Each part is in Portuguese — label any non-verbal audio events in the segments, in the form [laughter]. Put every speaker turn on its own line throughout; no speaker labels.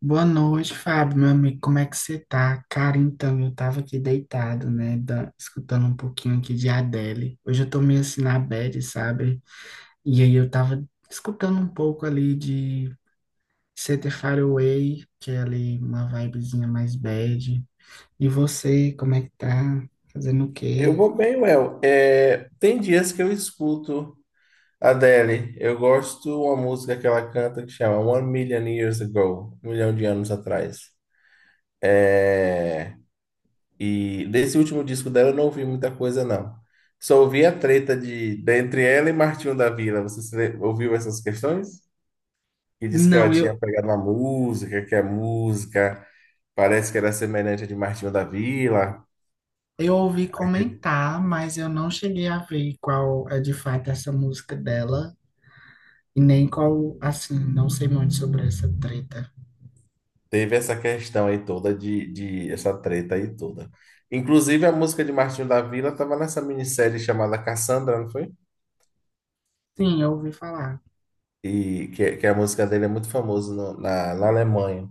Boa noite, Fábio, meu amigo, como é que você tá? Cara, então, eu tava aqui deitado, né, escutando um pouquinho aqui de Adele. Hoje eu tô meio assim na bad, sabe? E aí eu tava escutando um pouco ali de Set Far Away, que é ali uma vibezinha mais bad. E você, como é que tá? Fazendo o
Eu
quê?
vou bem, Well. É, tem dias que eu escuto a Adele. Eu gosto uma música que ela canta que chama One Million Years Ago, 1 milhão de anos atrás. E desse último disco dela eu não ouvi muita coisa, não. Só ouvi a treta entre ela e Martinho da Vila. Você se le- ouviu essas questões? E disse que ela
Não,
tinha pegado uma música, que a música parece que era semelhante à de Martinho da Vila.
eu ouvi comentar, mas eu não cheguei a ver qual é de fato essa música dela. E nem qual, assim, não sei muito sobre essa treta.
Teve essa questão aí toda de essa treta aí toda. Inclusive a música de Martinho da Vila estava nessa minissérie chamada Cassandra, não foi?
Sim, eu ouvi falar.
E que a música dele é muito famosa na Alemanha.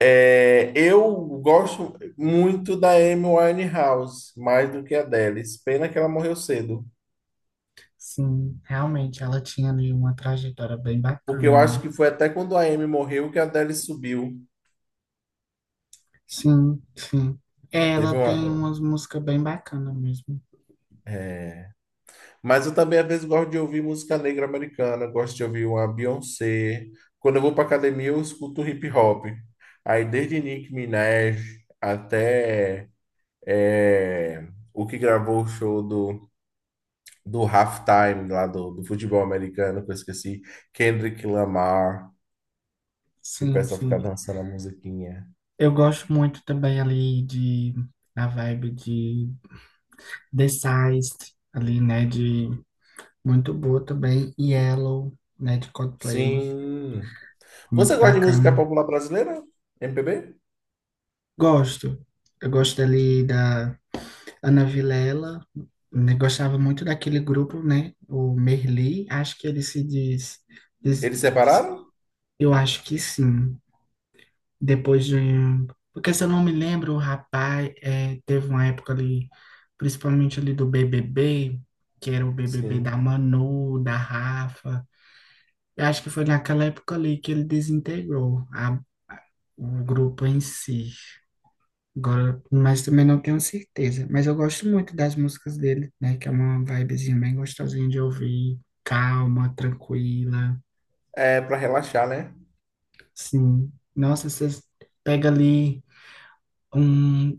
É, eu gosto muito da Amy Winehouse, mais do que a Adele. Pena que ela morreu cedo,
Sim, realmente ela tinha ali uma trajetória bem
porque eu
bacana,
acho
né?
que foi até quando a Amy morreu que a Adele subiu.
Sim, sim. É, ela
Teve
tem
uma,
umas músicas bem bacanas mesmo.
é, Mas eu também, às vezes, gosto de ouvir música negra americana, gosto de ouvir uma Beyoncé. Quando eu vou para academia, eu escuto hip hop. Aí, desde Nicki Minaj até o que gravou o show do halftime lá do futebol americano, que eu esqueci, Kendrick Lamar, que o
Sim,
pessoal fica
sim.
dançando a musiquinha.
Eu gosto muito também ali de da vibe de The Seist, ali, né? De muito boa também. Yellow, né? De Coldplay,
Sim. Você
muito
gosta de música
bacana.
popular brasileira? MPB?
Gosto. Eu gosto ali da Ana Vilela, né, gostava muito daquele grupo, né? O Merli, acho que ele se diz, diz-
Eles
diz-
separaram?
eu acho que sim. Depois de, um, porque se eu não me lembro, o rapaz é, teve uma época ali, principalmente ali do BBB, que era o BBB da
Sim.
Manu, da Rafa. Eu acho que foi naquela época ali que ele desintegrou o grupo em si. Agora, mas também não tenho certeza. Mas eu gosto muito das músicas dele, né? Que é uma vibezinha bem gostosinha de ouvir, calma, tranquila.
É para relaxar, né?
Sim. Nossa, você pega ali um,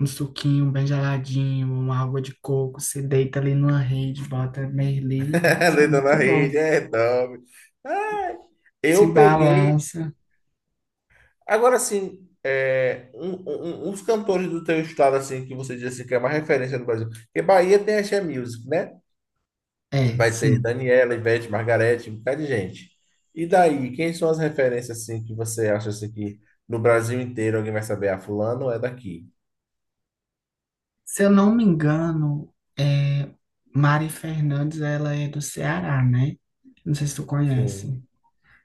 um suquinho bem geladinho, uma água de coco, se deita ali numa rede, bota Merli.
[laughs]
Nossa,
Deita na
muito bom.
rede, é, dorme. Ah,
Se
eu peguei.
balança.
Agora, sim, uns cantores do teu estado, assim, que você diz assim, que é uma referência no Brasil. Porque Bahia tem Axé Music, né?
É,
Vai ter
sim.
Daniela, Ivete, Margarete, um bocado de gente. E daí, quem são as referências, assim, que você acha, assim, que no Brasil inteiro alguém vai saber? Ah, fulano é daqui.
Se eu não me engano, é, Mari Fernandes, ela é do Ceará, né? Não sei se tu
Sim.
conhece.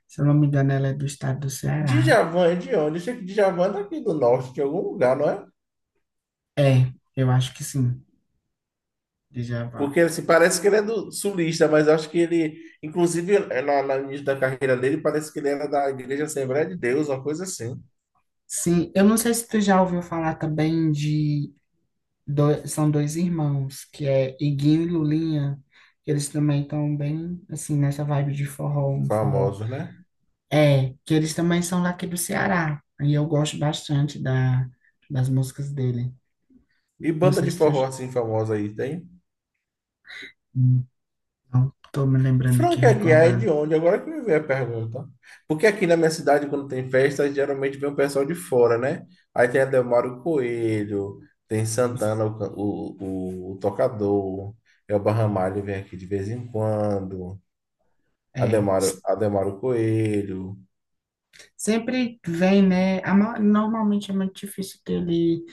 Se eu não me engano, ela é do estado do Ceará.
Djavan é de onde? Eu sei que Djavan é daqui do norte, de algum lugar, não é?
É, eu acho que sim, Djavan.
Porque assim, parece que ele é do sulista, mas eu acho que ele, inclusive, lá no início da carreira dele, parece que ele era da Igreja Assembleia de Deus, uma coisa assim.
Sim, eu não sei se tu já ouviu falar também de... dois, são dois irmãos, que é Iguinho e Lulinha. Que eles também estão bem, assim, nessa vibe de forró, um forró.
Famoso, né?
É, que eles também são daqui do Ceará. E eu gosto bastante da, das músicas dele.
E
Não
banda
sei
de
se tu...
forró assim famosa aí tem?
hum, não, tô me lembrando aqui,
Frank Aguiar é de
recordando.
onde? Agora que me veio a pergunta. Porque aqui na minha cidade, quando tem festa, geralmente vem o pessoal de fora, né? Aí tem Adelmário Coelho, tem Santana, o, can- o tocador, Elba Ramalho vem aqui de vez em quando,
É.
Adelmário Coelho.
Sempre vem, né? Normalmente é muito difícil ter ali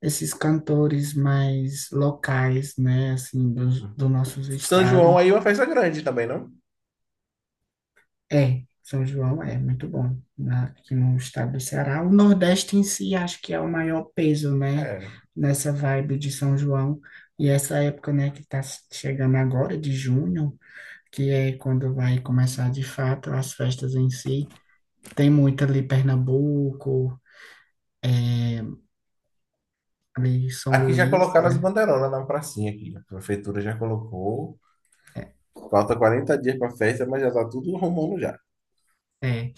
esses cantores mais locais, né? Assim, dos do nossos
São
estados.
João aí é uma festa grande também, não?
É, São João é muito bom, né? Aqui no estado do Ceará. O Nordeste em si acho que é o maior peso, né?
É.
Nessa vibe de São João. E essa época, né, que está chegando agora, de junho, que é quando vai começar de fato as festas em si. Tem muito ali Pernambuco. é, ali em São
Aqui já
Luís,
colocaram as
né?
bandeironas na pracinha aqui. A prefeitura já colocou.
É,
Falta 40 dias para a festa, mas já tá tudo arrumando já.
é.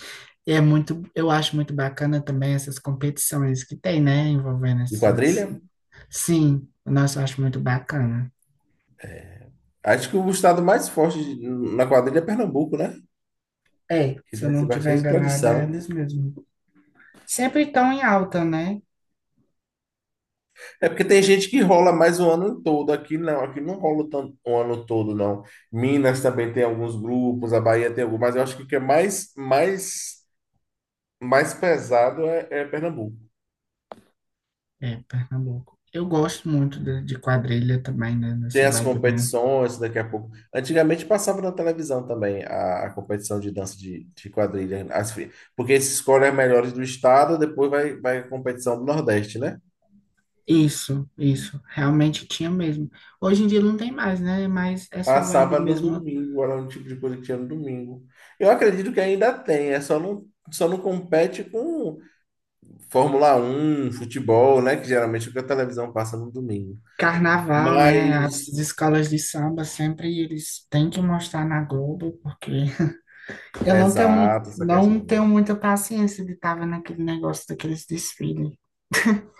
E é muito, eu acho muito bacana também essas competições que tem, né, envolvendo
De
esses.
quadrilha?
Sim, nossa, eu acho muito bacana.
Acho que o estado mais forte na quadrilha é Pernambuco, né?
É,
Que
se eu
deve
não
ser
estiver
bastante
enganada, é
tradição.
eles mesmos. Sempre estão em alta, né?
É porque tem gente que rola mais o ano todo. Aqui não rola tanto o ano todo, não. Minas também tem alguns grupos, a Bahia tem alguns, mas eu acho que o que é mais pesado é Pernambuco.
É, Pernambuco. Eu gosto muito de quadrilha também, né,
Tem
nessa
as
vibe, né?
competições daqui a pouco. Antigamente passava na televisão também a competição de dança de quadrilha. Porque esses escolhem as melhores do estado, depois vai a competição do Nordeste, né?
Isso, realmente tinha mesmo. Hoje em dia não tem mais, né? Mas essa vibe
Passava no
mesmo
domingo, era um tipo de coisa que tinha no domingo. Eu acredito que ainda tem, é só não, compete com Fórmula 1 futebol, né? Que geralmente é o que a televisão passa no domingo.
carnaval, né? As
Mas,
escolas de samba sempre eles têm que mostrar na Globo, porque [laughs] eu não tenho muito,
exato, essa
não
questão.
tenho muita paciência de estar vendo aquele negócio daqueles desfiles. [laughs]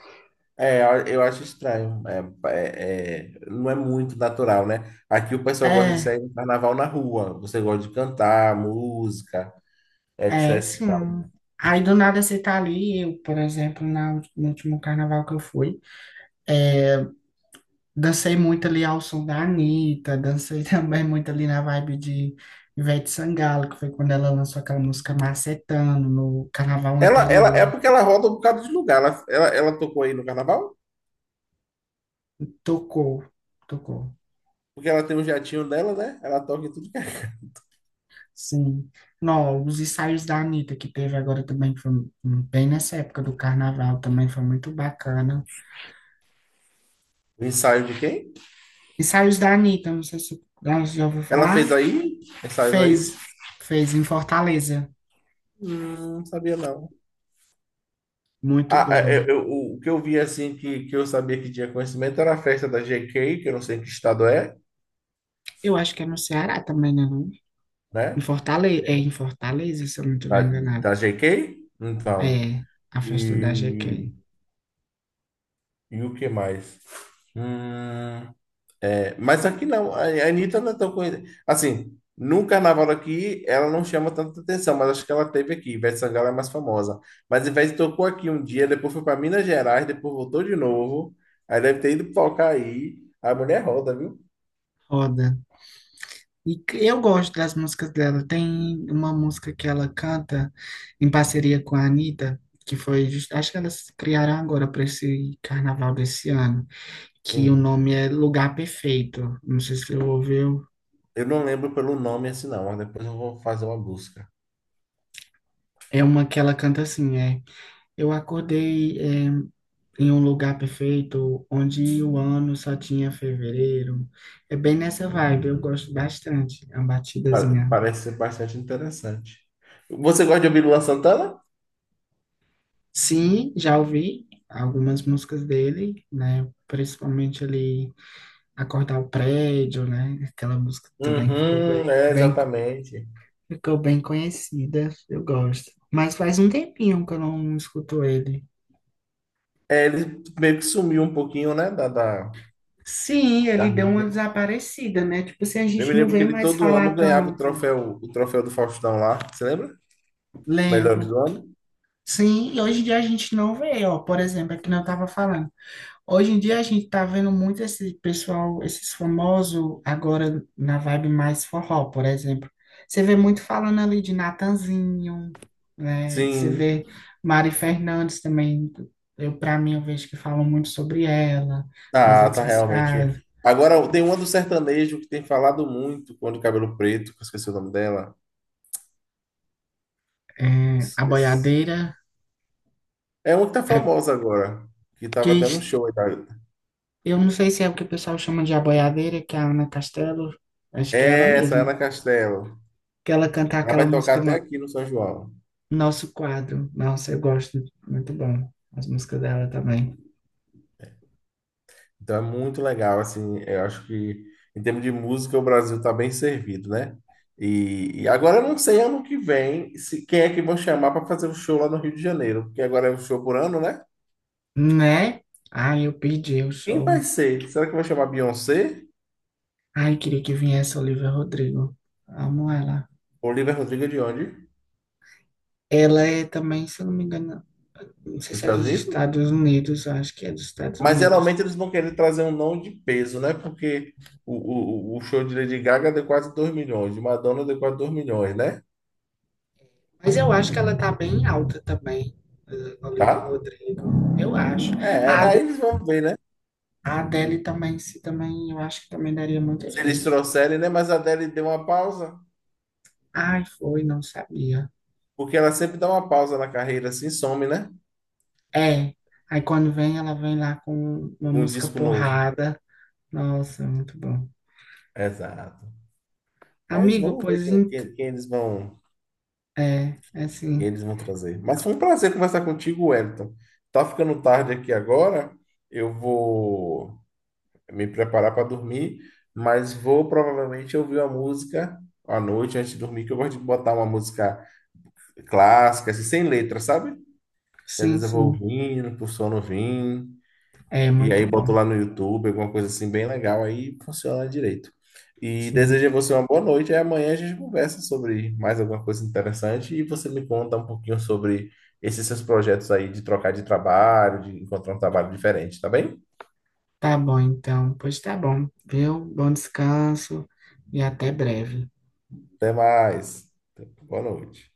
É, eu acho estranho. É, não é muito natural, né? Aqui o pessoal gosta de
É,
sair no carnaval na rua. Você gosta de cantar, música,
é,
etc.
sim. Aí do nada você tá ali, eu, por exemplo, na, no último carnaval que eu fui, é, dancei muito ali ao som da Anitta, dancei [laughs] também muito ali na vibe de Ivete Sangalo, que foi quando ela lançou aquela música Macetando, no carnaval
Ela, é
anterior.
porque ela roda um bocado de lugar. Ela tocou aí no carnaval?
Tocou, tocou.
Porque ela tem um jatinho dela, né? Ela toca em tudo que é.
Sim. Não, os ensaios da Anitta que teve agora também, que foi um, bem nessa época do carnaval, também foi muito bacana.
O ensaio de quem?
Ensaios da Anitta, não sei se você já ouviu
Ela fez
falar.
aí? Ensaios aí?
Fez, fez em Fortaleza.
Não sabia não.
Muito
Ah,
bom.
o que eu vi assim que eu sabia que tinha conhecimento era a festa da GK, que eu não sei que estado é,
Eu acho que é no Ceará também, né? Não? Em
né?
Fortaleza, é em Fortaleza, se eu não estiver
Da,
enganado.
da GK? Então.
É, a festa da GK.
E, e o que mais? Hum, mas aqui não, a Anitta não é tão conhecida. Assim, no carnaval aqui, ela não chama tanta atenção, mas acho que ela teve aqui. Ivete Sangalo é mais famosa. Mas Ivete tocou aqui um dia, depois foi para Minas Gerais, depois voltou de novo. Aí deve ter ido tocar aí. A mulher roda, viu?
Roda. E eu gosto das músicas dela. Tem uma música que ela canta em parceria com a Anitta, que foi, acho que elas criaram agora para esse carnaval desse ano, que o
Sim.
nome é Lugar Perfeito. Não sei se você ouviu.
Eu não lembro pelo nome assim, não, mas depois eu vou fazer uma busca.
É uma que ela canta assim, é. Eu acordei, é, em um lugar perfeito, onde o ano só tinha fevereiro. É bem nessa vibe, eu gosto bastante. É uma batidazinha.
Parece ser bastante interessante. Você gosta de ouvir Lua Santana?
Sim, já ouvi algumas músicas dele, né? Principalmente ali Acordar o Prédio, né? Aquela música também que ficou bem,
Uhum, exatamente.
ficou bem conhecida, eu gosto. Mas faz um tempinho que eu não escuto ele.
É, ele meio que sumiu um pouquinho, né, da, da,
Sim,
da
ele deu uma
mídia.
desaparecida, né? Tipo, assim a
Eu me
gente não
lembro que
vê
ele
mais
todo ano
falar
ganhava
tanto,
o troféu do Faustão lá, você lembra? Melhor
lembro.
do ano?
Sim, e hoje em dia a gente não vê, ó, por exemplo, é que eu tava falando. Hoje em dia a gente tá vendo muito esse pessoal, esses famosos agora na vibe mais forró, por exemplo. Você vê muito falando ali de Natanzinho, né? Você
Sim.
vê Mari Fernandes também. Eu, para mim, eu vejo que falam muito sobre ela nas
Ah,
redes
tá realmente.
sociais.
Agora tem uma do sertanejo que tem falado muito quando o cabelo preto, que eu esqueci o nome dela.
É, a
Esqueci.
boiadeira,
É uma que tá
é,
famosa agora, que
que
tava até no
es-
show aí, tá?
eu não sei se é o que o pessoal chama de a boiadeira, que é a Ana Castelo, acho que é ela
É essa,
mesma.
Ana Castela.
Que ela canta
Ela
aquela
vai
música
tocar até aqui no São João.
Nosso quadro. Nossa, eu gosto. Muito bom. As músicas dela também.
Então é muito legal, assim, eu acho que em termos de música o Brasil está bem servido, né? E agora eu não sei ano que vem se quem é que vão chamar para fazer o show lá no Rio de Janeiro, porque agora é um show por ano, né?
Né? Ai, eu pedi o
Quem
show.
vai ser? Será que vai chamar Beyoncé?
Ai, queria que viesse a Olivia Rodrigo. Amo ela.
Olivia Rodrigo de onde?
Ela é também, se eu não me engano, não sei
Dos
se é
Estados
dos
Unidos?
Estados Unidos, eu acho que é dos Estados
Mas geralmente
Unidos.
eles vão querer trazer um nome de peso, né? Porque o show de Lady Gaga deu quase 2 milhões, de Madonna deu quase 2 milhões, né?
Mas eu acho que ela tá bem alta também, a Olivia
Tá?
Rodrigo. Eu acho. A
É, aí
Ade-
eles vão ver, né?
a Adele também, se também, eu acho que também daria muita
Se eles
gente.
trouxerem, né? Mas a Adele deu uma pausa.
Ai, foi, não sabia.
Porque ela sempre dá uma pausa na carreira assim, some, né?
É. Aí quando vem, ela vem lá com uma
Com um
música
disco novo.
porrada. Nossa, muito bom.
Exato. Mas
Amigo,
vamos ver
é, é
quem
sim.
eles vão trazer. Mas foi um prazer conversar contigo, Wellington. Tá ficando tarde aqui agora. Eu vou me preparar para dormir, mas vou provavelmente ouvir uma música à noite antes de dormir, que eu gosto de botar uma música clássica, assim, sem letra, sabe? Às
Sim,
vezes eu vou
sim.
ouvindo, pro sono vir.
É
E aí
muito
botou
bom.
lá no YouTube, alguma coisa assim bem legal, aí funciona direito. E
Sim.
desejo a você uma boa noite, e amanhã a gente conversa sobre mais alguma coisa interessante e você me conta um pouquinho sobre esses seus projetos aí de trocar de trabalho, de encontrar um trabalho diferente, tá bem?
Tá bom, então. Pois tá bom, viu? Bom descanso e até breve.
Até mais. Boa noite.